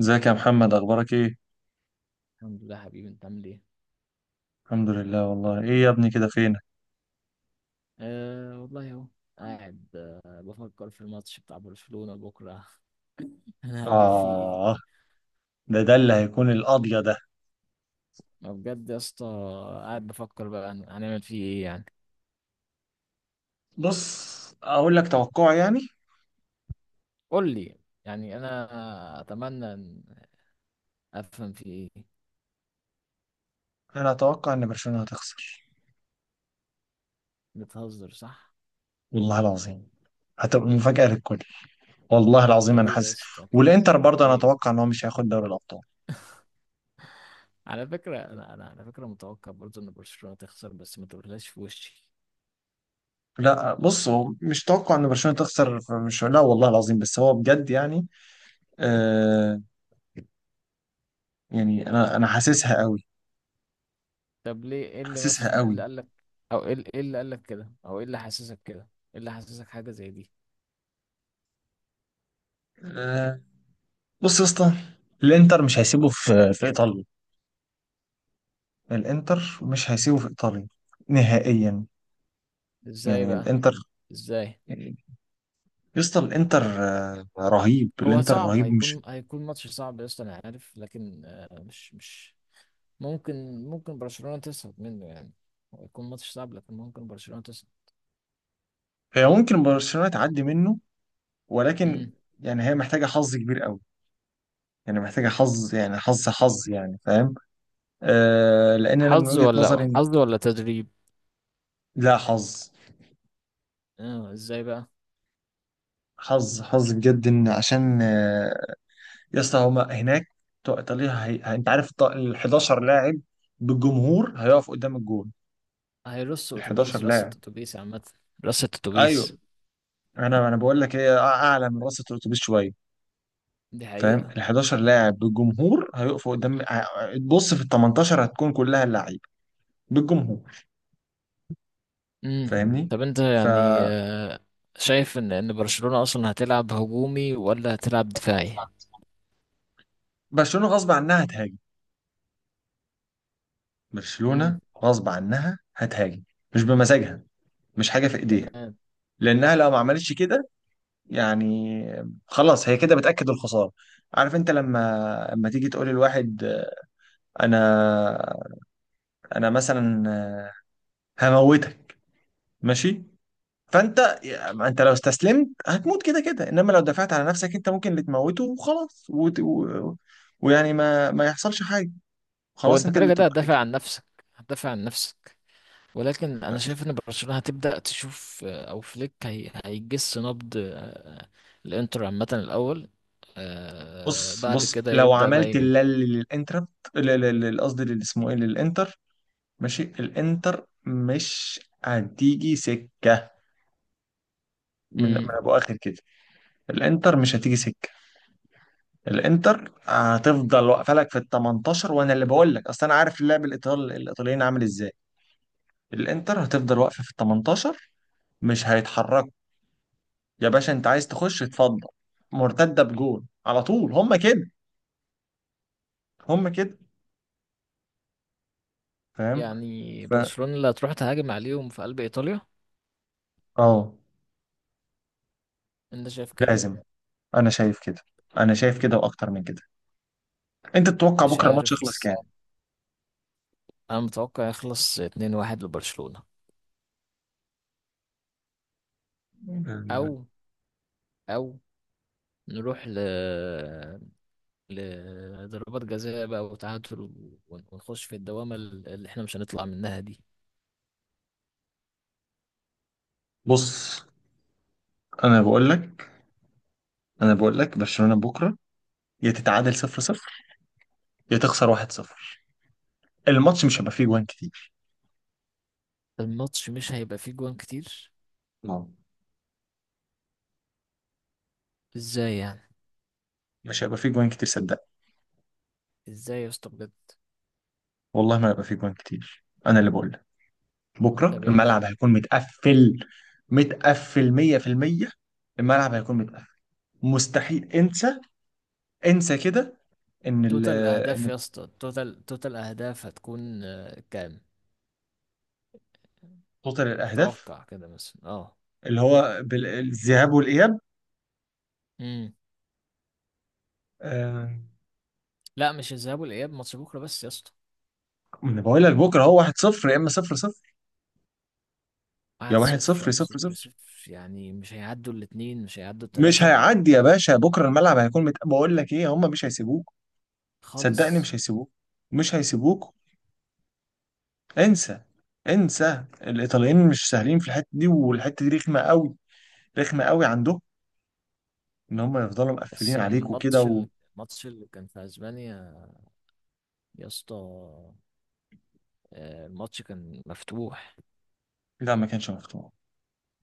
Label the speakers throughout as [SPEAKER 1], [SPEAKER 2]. [SPEAKER 1] ازيك يا محمد، اخبارك ايه؟
[SPEAKER 2] الحمد لله حبيبي، انت عامل ايه؟
[SPEAKER 1] الحمد لله، والله ايه يا ابني كده فينك؟
[SPEAKER 2] أه والله اهو. قاعد بفكر في الماتش بتاع برشلونة بكرة. انا هبل فيه ايه؟
[SPEAKER 1] اه. ده اللي هيكون القاضية ده.
[SPEAKER 2] ما بجد يا اسطى. قاعد بفكر بقى هنعمل فيه ايه يعني.
[SPEAKER 1] بص اقول لك توقع يعني.
[SPEAKER 2] قول لي. يعني انا اتمنى ان افهم فيه ايه.
[SPEAKER 1] انا اتوقع ان برشلونة هتخسر.
[SPEAKER 2] بتهزر صح؟
[SPEAKER 1] والله العظيم. هتبقى مفاجأة للكل. والله
[SPEAKER 2] ده
[SPEAKER 1] العظيم، انا
[SPEAKER 2] ليه يا
[SPEAKER 1] حاسس.
[SPEAKER 2] اسطى كده؟
[SPEAKER 1] والانتر برضه انا
[SPEAKER 2] ليه؟
[SPEAKER 1] اتوقع ان هو مش هياخد دوري الابطال.
[SPEAKER 2] على فكرة انا على فكرة متوقع برضه ان برشلونة تخسر، بس ما تقولهاش في وشي.
[SPEAKER 1] لا بص، هو مش توقع ان برشلونة تخسر. مش، لا والله العظيم، بس هو بجد يعني. آه. يعني انا حاسسها قوي.
[SPEAKER 2] طب ليه، ايه اللي
[SPEAKER 1] حاسسها
[SPEAKER 2] مثلا، ايه
[SPEAKER 1] قوي.
[SPEAKER 2] اللي قال لك، او ايه اللي قال لك كده، او ايه اللي حسسك كده؟ ايه اللي حسسك حاجة زي دي؟
[SPEAKER 1] آه. بص يا اسطى. الانتر مش هيسيبه في ايطاليا. الانتر مش هيسيبه في ايطاليا. نهائيا.
[SPEAKER 2] ازاي
[SPEAKER 1] يعني
[SPEAKER 2] بقى؟
[SPEAKER 1] الانتر.
[SPEAKER 2] ازاي؟
[SPEAKER 1] يعني. يا اسطى الانتر رهيب،
[SPEAKER 2] هو
[SPEAKER 1] الانتر
[SPEAKER 2] صعب،
[SPEAKER 1] رهيب، مش...
[SPEAKER 2] هيكون ماتش صعب يا اسطى انا عارف، لكن مش ممكن برشلونة تصعد منه يعني. هو هيكون ماتش صعب لكن ممكن برشلونة تصعد.
[SPEAKER 1] هي ممكن برشلونة تعدي منه. ولكن...
[SPEAKER 2] امم.
[SPEAKER 1] يعني هي محتاجة حظ كبير قوي. يعني محتاجة حظ، يعني حظ حظ، يعني فاهم؟ آه لان انا من
[SPEAKER 2] حظ
[SPEAKER 1] وجهة نظري
[SPEAKER 2] ولا حظ ولا تدريب؟
[SPEAKER 1] لا، حظ.
[SPEAKER 2] اه، ازاي بقى؟
[SPEAKER 1] حظ حظ بجد ان عشان يا اسطى، هما هناك بتوع ايطاليا انت عارف ال 11 لاعب بالجمهور هيقف قدام الجول.
[SPEAKER 2] هيرص
[SPEAKER 1] ال 11
[SPEAKER 2] اتوبيس، رصة
[SPEAKER 1] لاعب.
[SPEAKER 2] اتوبيس عامة. رصة اتوبيس.
[SPEAKER 1] ايوه. انا بقول لك ايه، اعلى من رصه الاتوبيس شويه.
[SPEAKER 2] دي
[SPEAKER 1] فاهم؟
[SPEAKER 2] حقيقة.
[SPEAKER 1] ال 11 لاعب بالجمهور هيقفوا قدام تبص في ال 18 هتكون كلها اللعيبه بالجمهور.
[SPEAKER 2] امم.
[SPEAKER 1] فاهمني؟
[SPEAKER 2] طب انت
[SPEAKER 1] ف
[SPEAKER 2] يعني، شايف ان برشلونة اصلا هتلعب هجومي ولا هتلعب دفاعي؟
[SPEAKER 1] برشلونة غصب عنها هتهاجم. برشلونة.
[SPEAKER 2] امم.
[SPEAKER 1] غصب عنها هتهاجم. مش بمزاجها. مش حاجة في ايديها.
[SPEAKER 2] تمام.
[SPEAKER 1] لانها لو ما عملتش كده، يعني، خلاص هي كده بتأكد الخسارة. عارف انت لما تيجي تقول لواحد، انا، انا مثلا، هموتك، ماشي؟ فانت، ما انت لو استسلمت هتموت كده كده، انما لو دفعت على نفسك، انت ممكن اللي تموته وخلاص ويعني ما يحصلش حاجه.
[SPEAKER 2] هو
[SPEAKER 1] خلاص
[SPEAKER 2] انت
[SPEAKER 1] انت
[SPEAKER 2] كده
[SPEAKER 1] اللي
[SPEAKER 2] كده
[SPEAKER 1] تبقى
[SPEAKER 2] هتدافع
[SPEAKER 1] حاجة.
[SPEAKER 2] عن نفسك. هتدافع عن نفسك. ولكن انا شايف ان برشلونة هتبدأ تشوف، او فليك هيجس نبض الانتر عامة الاول.
[SPEAKER 1] بص
[SPEAKER 2] بعد
[SPEAKER 1] بص،
[SPEAKER 2] كده
[SPEAKER 1] لو
[SPEAKER 2] يبدأ بقى
[SPEAKER 1] عملت
[SPEAKER 2] ايه.
[SPEAKER 1] للانتر، ل- قصدي اسمه ايه، للانتر. ماشي، الانتر مش هتيجي سكه من
[SPEAKER 2] مم.
[SPEAKER 1] ابو اخر كده. الانتر مش هتيجي سكه. الانتر هتفضل واقفه لك في ال 18، وانا اللي بقول لك، اصل انا عارف اللاعب الايطالي الايطاليين عامل ازاي. الانتر هتفضل واقفه في ال 18. مش هيتحركوا. يا باشا، انت عايز تخش اتفضل. مرتده بجول على طول، هم كده. هم كده. فاهم؟
[SPEAKER 2] يعني
[SPEAKER 1] ف
[SPEAKER 2] برشلونة اللي هتروح تهاجم عليهم في قلب ايطاليا؟
[SPEAKER 1] اه.
[SPEAKER 2] انت شايف كده؟
[SPEAKER 1] لازم. انا شايف كده. انا شايف كده واكتر من كده. انت تتوقع
[SPEAKER 2] مش
[SPEAKER 1] بكره الماتش
[SPEAKER 2] عارف،
[SPEAKER 1] يخلص
[SPEAKER 2] بس
[SPEAKER 1] كام؟
[SPEAKER 2] انا متوقع يخلص 2-1 لبرشلونة،
[SPEAKER 1] يعني.
[SPEAKER 2] او او نروح لضربات جزاء بقى وتعادل، ونخش في الدوامة اللي احنا مش هنطلع منها دي.
[SPEAKER 1] بص. انا بقول لك. انا بقول لك برشلونه بكره، يا تتعادل 0-0، يا تخسر 1-0. الماتش مش هيبقى فيه جوان كتير.
[SPEAKER 2] الماتش مش هيبقى فيه جوان كتير؟
[SPEAKER 1] آه.
[SPEAKER 2] ازاي يعني؟
[SPEAKER 1] مش هيبقى فيه جوان كتير، صدقني.
[SPEAKER 2] ازاي يا اسطى بجد؟
[SPEAKER 1] والله ما هيبقى فيه جوان كتير، انا اللي بقول لك. بكره
[SPEAKER 2] طب
[SPEAKER 1] الملعب
[SPEAKER 2] يعني،
[SPEAKER 1] هيكون متقفل. متقفل 100%. الملعب هيكون متقفل. مستحيل، انسى. انسى كده. ان ال
[SPEAKER 2] توتال اهداف
[SPEAKER 1] ان
[SPEAKER 2] يا اسطى، توتال اهداف هتكون كام؟
[SPEAKER 1] توتال الاهداف
[SPEAKER 2] توقع كده مثلا اه.
[SPEAKER 1] اللي هو الذهاب والاياب،
[SPEAKER 2] امم.
[SPEAKER 1] آه،
[SPEAKER 2] لا مش الذهاب والاياب، ماتش بكره بس يا اسطى.
[SPEAKER 1] ما انا بقول لك بكره هو 1-0 يا اما 0-0. يا
[SPEAKER 2] 1-0
[SPEAKER 1] 1-0
[SPEAKER 2] او
[SPEAKER 1] 0-0،
[SPEAKER 2] 0-0؟ يعني مش هيعدوا الاتنين، مش هيعدوا
[SPEAKER 1] مش
[SPEAKER 2] التلاتة.
[SPEAKER 1] هيعدي يا باشا. بكره الملعب هيكون متقفل، بقول لك ايه، هم مش هيسيبوك. صدقني،
[SPEAKER 2] خالص.
[SPEAKER 1] مش هيسيبوك. مش هيسيبوك. انسى. انسى، الايطاليين مش سهلين في الحته دي، والحته دي رخمه قوي. رخمه قوي عندهم. ان هم يفضلوا مقفلين
[SPEAKER 2] بس يعني
[SPEAKER 1] عليك وكده
[SPEAKER 2] الماتش الماتش اللي كان في اسبانيا يا اسطى، الماتش كان مفتوح.
[SPEAKER 1] لا، ما كانش مفتوح.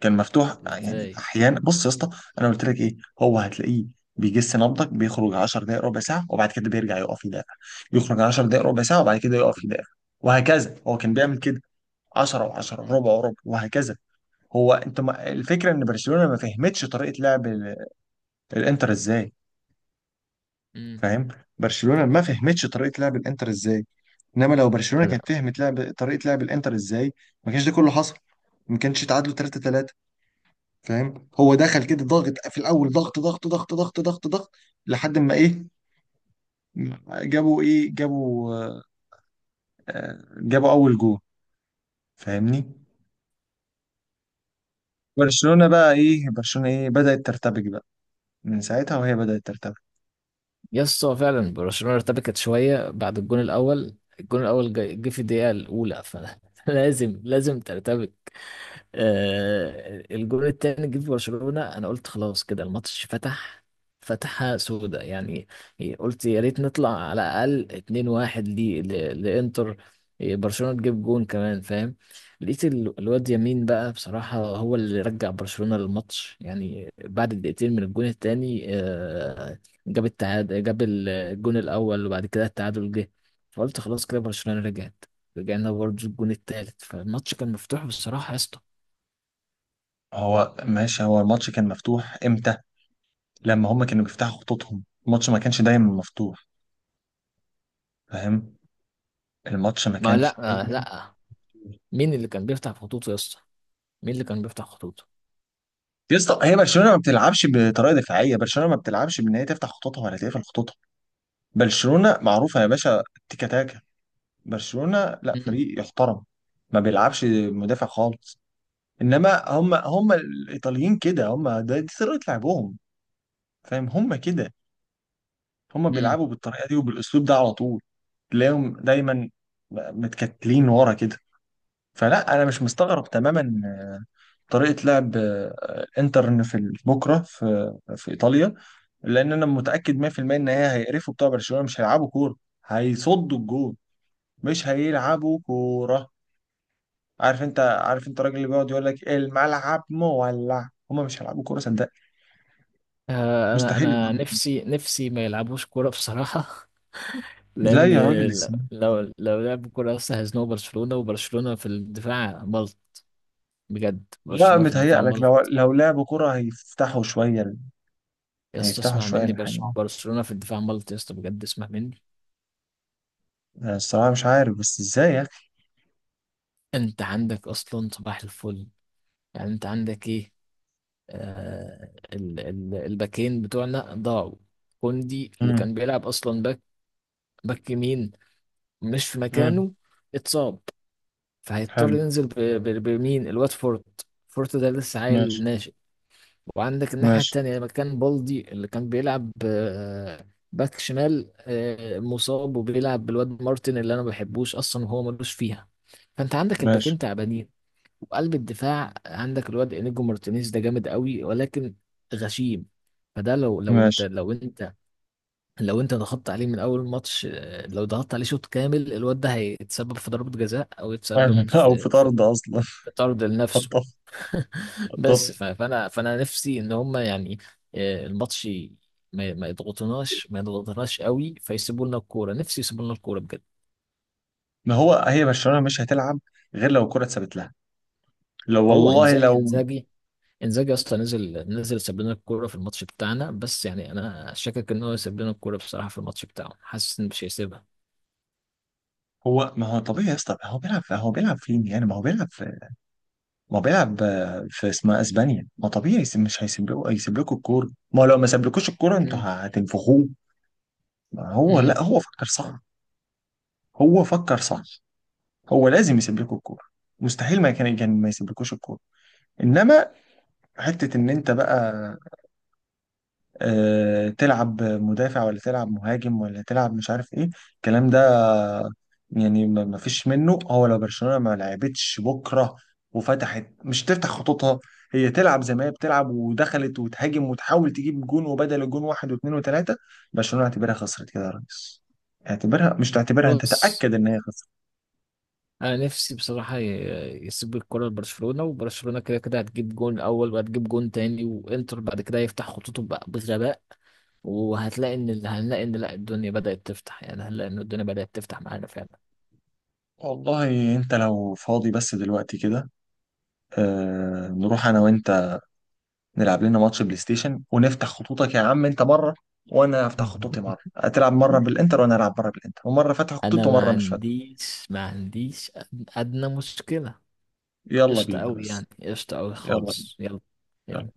[SPEAKER 1] كان مفتوح يعني
[SPEAKER 2] ازاي؟
[SPEAKER 1] احيانا، بص يا اسطى. انا قلت لك ايه، هو هتلاقيه بيجس نبضك، بيخرج 10 دقائق ربع ساعه وبعد كده بيرجع يقف يدافع. يخرج 10 دقائق ربع ساعه وبعد كده يقف يدافع. وهكذا، هو كان
[SPEAKER 2] مم.
[SPEAKER 1] بيعمل كده. 10 و10،
[SPEAKER 2] مم.
[SPEAKER 1] ربع وربع، وهكذا. هو انت ما... الفكره ان برشلونه ما فهمتش طريقه لعب الانتر ازاي.
[SPEAKER 2] مم.
[SPEAKER 1] فاهم؟ برشلونه ما فهمتش طريقه لعب الانتر ازاي. انما لو برشلونه كانت فهمت لعب طريقه لعب الانتر ازاي، ما كانش ده كله حصل. ما كانش اتعادلوا 3 3. فاهم؟ هو دخل كده ضاغط في الاول، ضغط ضغط ضغط ضغط ضغط ضغط، لحد ما ايه؟ جابوا ايه، جابوا، جابوا اول جول. فاهمني؟ برشلونه بقى ايه، برشلونه ايه، بدات ترتبك بقى. من ساعتها وهي بدات ترتبك.
[SPEAKER 2] يس، هو فعلا برشلونة ارتبكت شوية بعد الجون الأول، جه في الدقيقة الأولى فلازم. لازم ترتبك. الجول التاني جه في برشلونة، انا قلت خلاص كده الماتش فتح، فتحة سودة يعني. قلت يا ريت نطلع على الاقل 2-1 لانتر. إيه، برشلونة تجيب جون كمان فاهم. لقيت الواد يمين بقى، بصراحة هو اللي رجع برشلونة للماتش يعني بعد دقيقتين من الجون التاني. جاب التعادل، جاب الجون الأول وبعد كده التعادل جه. فقلت خلاص كده برشلونة رجعت. رجعنا برضه الجون التالت، فالماتش كان مفتوح بصراحة يا اسطى.
[SPEAKER 1] هو ماشي، هو الماتش كان مفتوح امتى؟ لما هما كانوا بيفتحوا خطوطهم الماتش ما كانش دايما مفتوح. فاهم؟ الماتش ما
[SPEAKER 2] ما لا.
[SPEAKER 1] كانش دايما.
[SPEAKER 2] لا. مين اللي كان بيفتح خطوط يا اسطى؟ مين اللي كان بيفتح خطوط؟
[SPEAKER 1] يا اسطى، هي برشلونه ما بتلعبش بطريقه دفاعيه، برشلونه ما بتلعبش بان هي تفتح خطوطها ولا تقفل خطوطها. برشلونه معروفه يا باشا. تيكا تاكا. برشلونه لا
[SPEAKER 2] امم.
[SPEAKER 1] فريق يحترم. ما بيلعبش مدافع خالص. انما هم الايطاليين كده، هم ده دي طريقه لعبهم. فاهم؟ هم كده. هم
[SPEAKER 2] امم.
[SPEAKER 1] بيلعبوا بالطريقه دي وبالاسلوب ده على طول. تلاقيهم دايما متكتلين ورا كده. فلا، انا مش مستغرب تماما طريقة لعب الانتر، إن في بكرة في إيطاليا. لأن أنا متأكد 100% إن هي هيقرفوا، بتوع برشلونة مش هيلعبوا كورة. هيصدوا الجون. مش هيلعبوا كورة. عارف أنت الراجل اللي بيقعد يقول لك الملعب مولع، هما مش هيلعبوا كورة، صدق.
[SPEAKER 2] آه، انا
[SPEAKER 1] مستحيل
[SPEAKER 2] انا
[SPEAKER 1] يلعبوا.
[SPEAKER 2] نفسي نفسي ما يلعبوش كوره بصراحه.
[SPEAKER 1] لا
[SPEAKER 2] لان
[SPEAKER 1] يا راجل، ازاي؟
[SPEAKER 2] لو لعبوا كوره لسه هيزنقوا برشلونه، وبرشلونه في الدفاع ملط. بجد
[SPEAKER 1] لا،
[SPEAKER 2] برشلونه في الدفاع
[SPEAKER 1] متهيأ لك لو
[SPEAKER 2] ملط.
[SPEAKER 1] لو لعبوا كورة هيفتحوا شوية.
[SPEAKER 2] يا اسطى
[SPEAKER 1] هيفتحوا
[SPEAKER 2] اسمع
[SPEAKER 1] شوية
[SPEAKER 2] مني،
[SPEAKER 1] الحاجة.
[SPEAKER 2] برشلونه في الدفاع ملط يا اسطى بجد، اسمع مني.
[SPEAKER 1] الصراحة مش عارف بس ازاي يا أخي.
[SPEAKER 2] انت عندك اصلا صباح الفل. يعني انت عندك ايه؟ ال الباكين بتوعنا ضاعوا. كوندي اللي
[SPEAKER 1] مم.
[SPEAKER 2] كان بيلعب اصلا باك، باك يمين، مش في
[SPEAKER 1] مم.
[SPEAKER 2] مكانه، اتصاب. فهيضطر
[SPEAKER 1] حلو.
[SPEAKER 2] ينزل بمين، الواد فورت ده لسه عيل
[SPEAKER 1] ماشي.
[SPEAKER 2] ناشئ. وعندك الناحية
[SPEAKER 1] ماشي.
[SPEAKER 2] التانية مكان بالدي اللي كان بيلعب، باك شمال، مصاب، وبيلعب بالواد مارتن اللي انا ما بحبوش اصلا وهو ملوش فيها. فانت عندك
[SPEAKER 1] ماشي.
[SPEAKER 2] الباكين تعبانين. وقلب الدفاع عندك الواد انيجو مارتينيز ده جامد قوي ولكن غشيم. فده لو لو انت
[SPEAKER 1] ماشي.
[SPEAKER 2] لو انت لو انت ضغطت عليه من اول ماتش، لو ضغطت عليه شوط كامل الواد ده هيتسبب في ضربة جزاء او يتسبب
[SPEAKER 1] او في
[SPEAKER 2] في
[SPEAKER 1] طرد اصلا.
[SPEAKER 2] في طرد لنفسه.
[SPEAKER 1] خطف.
[SPEAKER 2] بس
[SPEAKER 1] خطف.
[SPEAKER 2] فانا نفسي ان هم يعني، الماتش ما يضغطوناش ما يضغطوناش قوي فيسيبوا لنا الكوره، نفسي يسيبوا لنا الكوره بجد.
[SPEAKER 1] ما هو هي برشلونه مش هتلعب غير لو الكره اتثبت لها. لو
[SPEAKER 2] هو
[SPEAKER 1] والله
[SPEAKER 2] انزاجي
[SPEAKER 1] لو.
[SPEAKER 2] انزاجي انزاجي اصلا نزل ساب لنا الكوره في الماتش بتاعنا، بس يعني انا شاكك ان هو يسيب لنا الكوره بصراحه في الماتش بتاعه، حاسس ان مش هيسيبها.
[SPEAKER 1] هو ما هو طبيعي يا اسطى، هو بيلعب، هو بيلعب فين يعني، ما هو بيلعب في. ما هو بيلعب في اسمها اسبانيا. ما طبيعي مش هيسيب لكم الكوره. ما هو لو ما سابلكوش الكوره انتوا
[SPEAKER 2] امم.
[SPEAKER 1] هتنفخوه. ما هو
[SPEAKER 2] امم.
[SPEAKER 1] لا، هو فكر صح. هو فكر صح. هو لازم يسيب لكم الكوره. مستحيل ما كان ما يسيبلكوش الكوره. انما حته ان انت بقى تلعب مدافع ولا تلعب مهاجم ولا تلعب مش عارف ايه، الكلام ده يعني ما فيش منه. هو لو برشلونة ما لعبتش بكرة، وفتحت، مش تفتح خطوطها، هي تلعب زي ما هي بتلعب، ودخلت وتهاجم وتحاول تجيب جون، وبدل الجون واحد واثنين وثلاثة، برشلونة اعتبرها خسرت كده يا ريس. اعتبرها، مش تعتبرها انت،
[SPEAKER 2] بص،
[SPEAKER 1] تأكد ان هي خسرت.
[SPEAKER 2] انا نفسي بصراحه يسيب الكره لبرشلونه، وبرشلونه كده كده هتجيب جون اول وهتجيب جون تاني، وانتر بعد كده يفتح خطوطه بقى بغباء، وهتلاقي ان هنلاقي ان لا الدنيا بدات تفتح، يعني هنلاقي ان الدنيا بدات تفتح معانا فعلا.
[SPEAKER 1] والله انت لو فاضي بس دلوقتي كده، نروح انا وانت، نلعب لنا ماتش بلاي ستيشن، ونفتح خطوطك يا عم انت مره، وانا افتح خطوطي مره، هتلعب مره بالانتر وانا العب مره بالانتر، ومره فاتح خطوط
[SPEAKER 2] انا ما
[SPEAKER 1] ومره مش فاتح.
[SPEAKER 2] عنديش ما عنديش ادنى مشكله.
[SPEAKER 1] يلا
[SPEAKER 2] قشطه
[SPEAKER 1] بينا
[SPEAKER 2] قوي
[SPEAKER 1] بس.
[SPEAKER 2] يعني، قشطه قوي
[SPEAKER 1] يلا
[SPEAKER 2] خالص. يلا.
[SPEAKER 1] بينا.
[SPEAKER 2] يلا.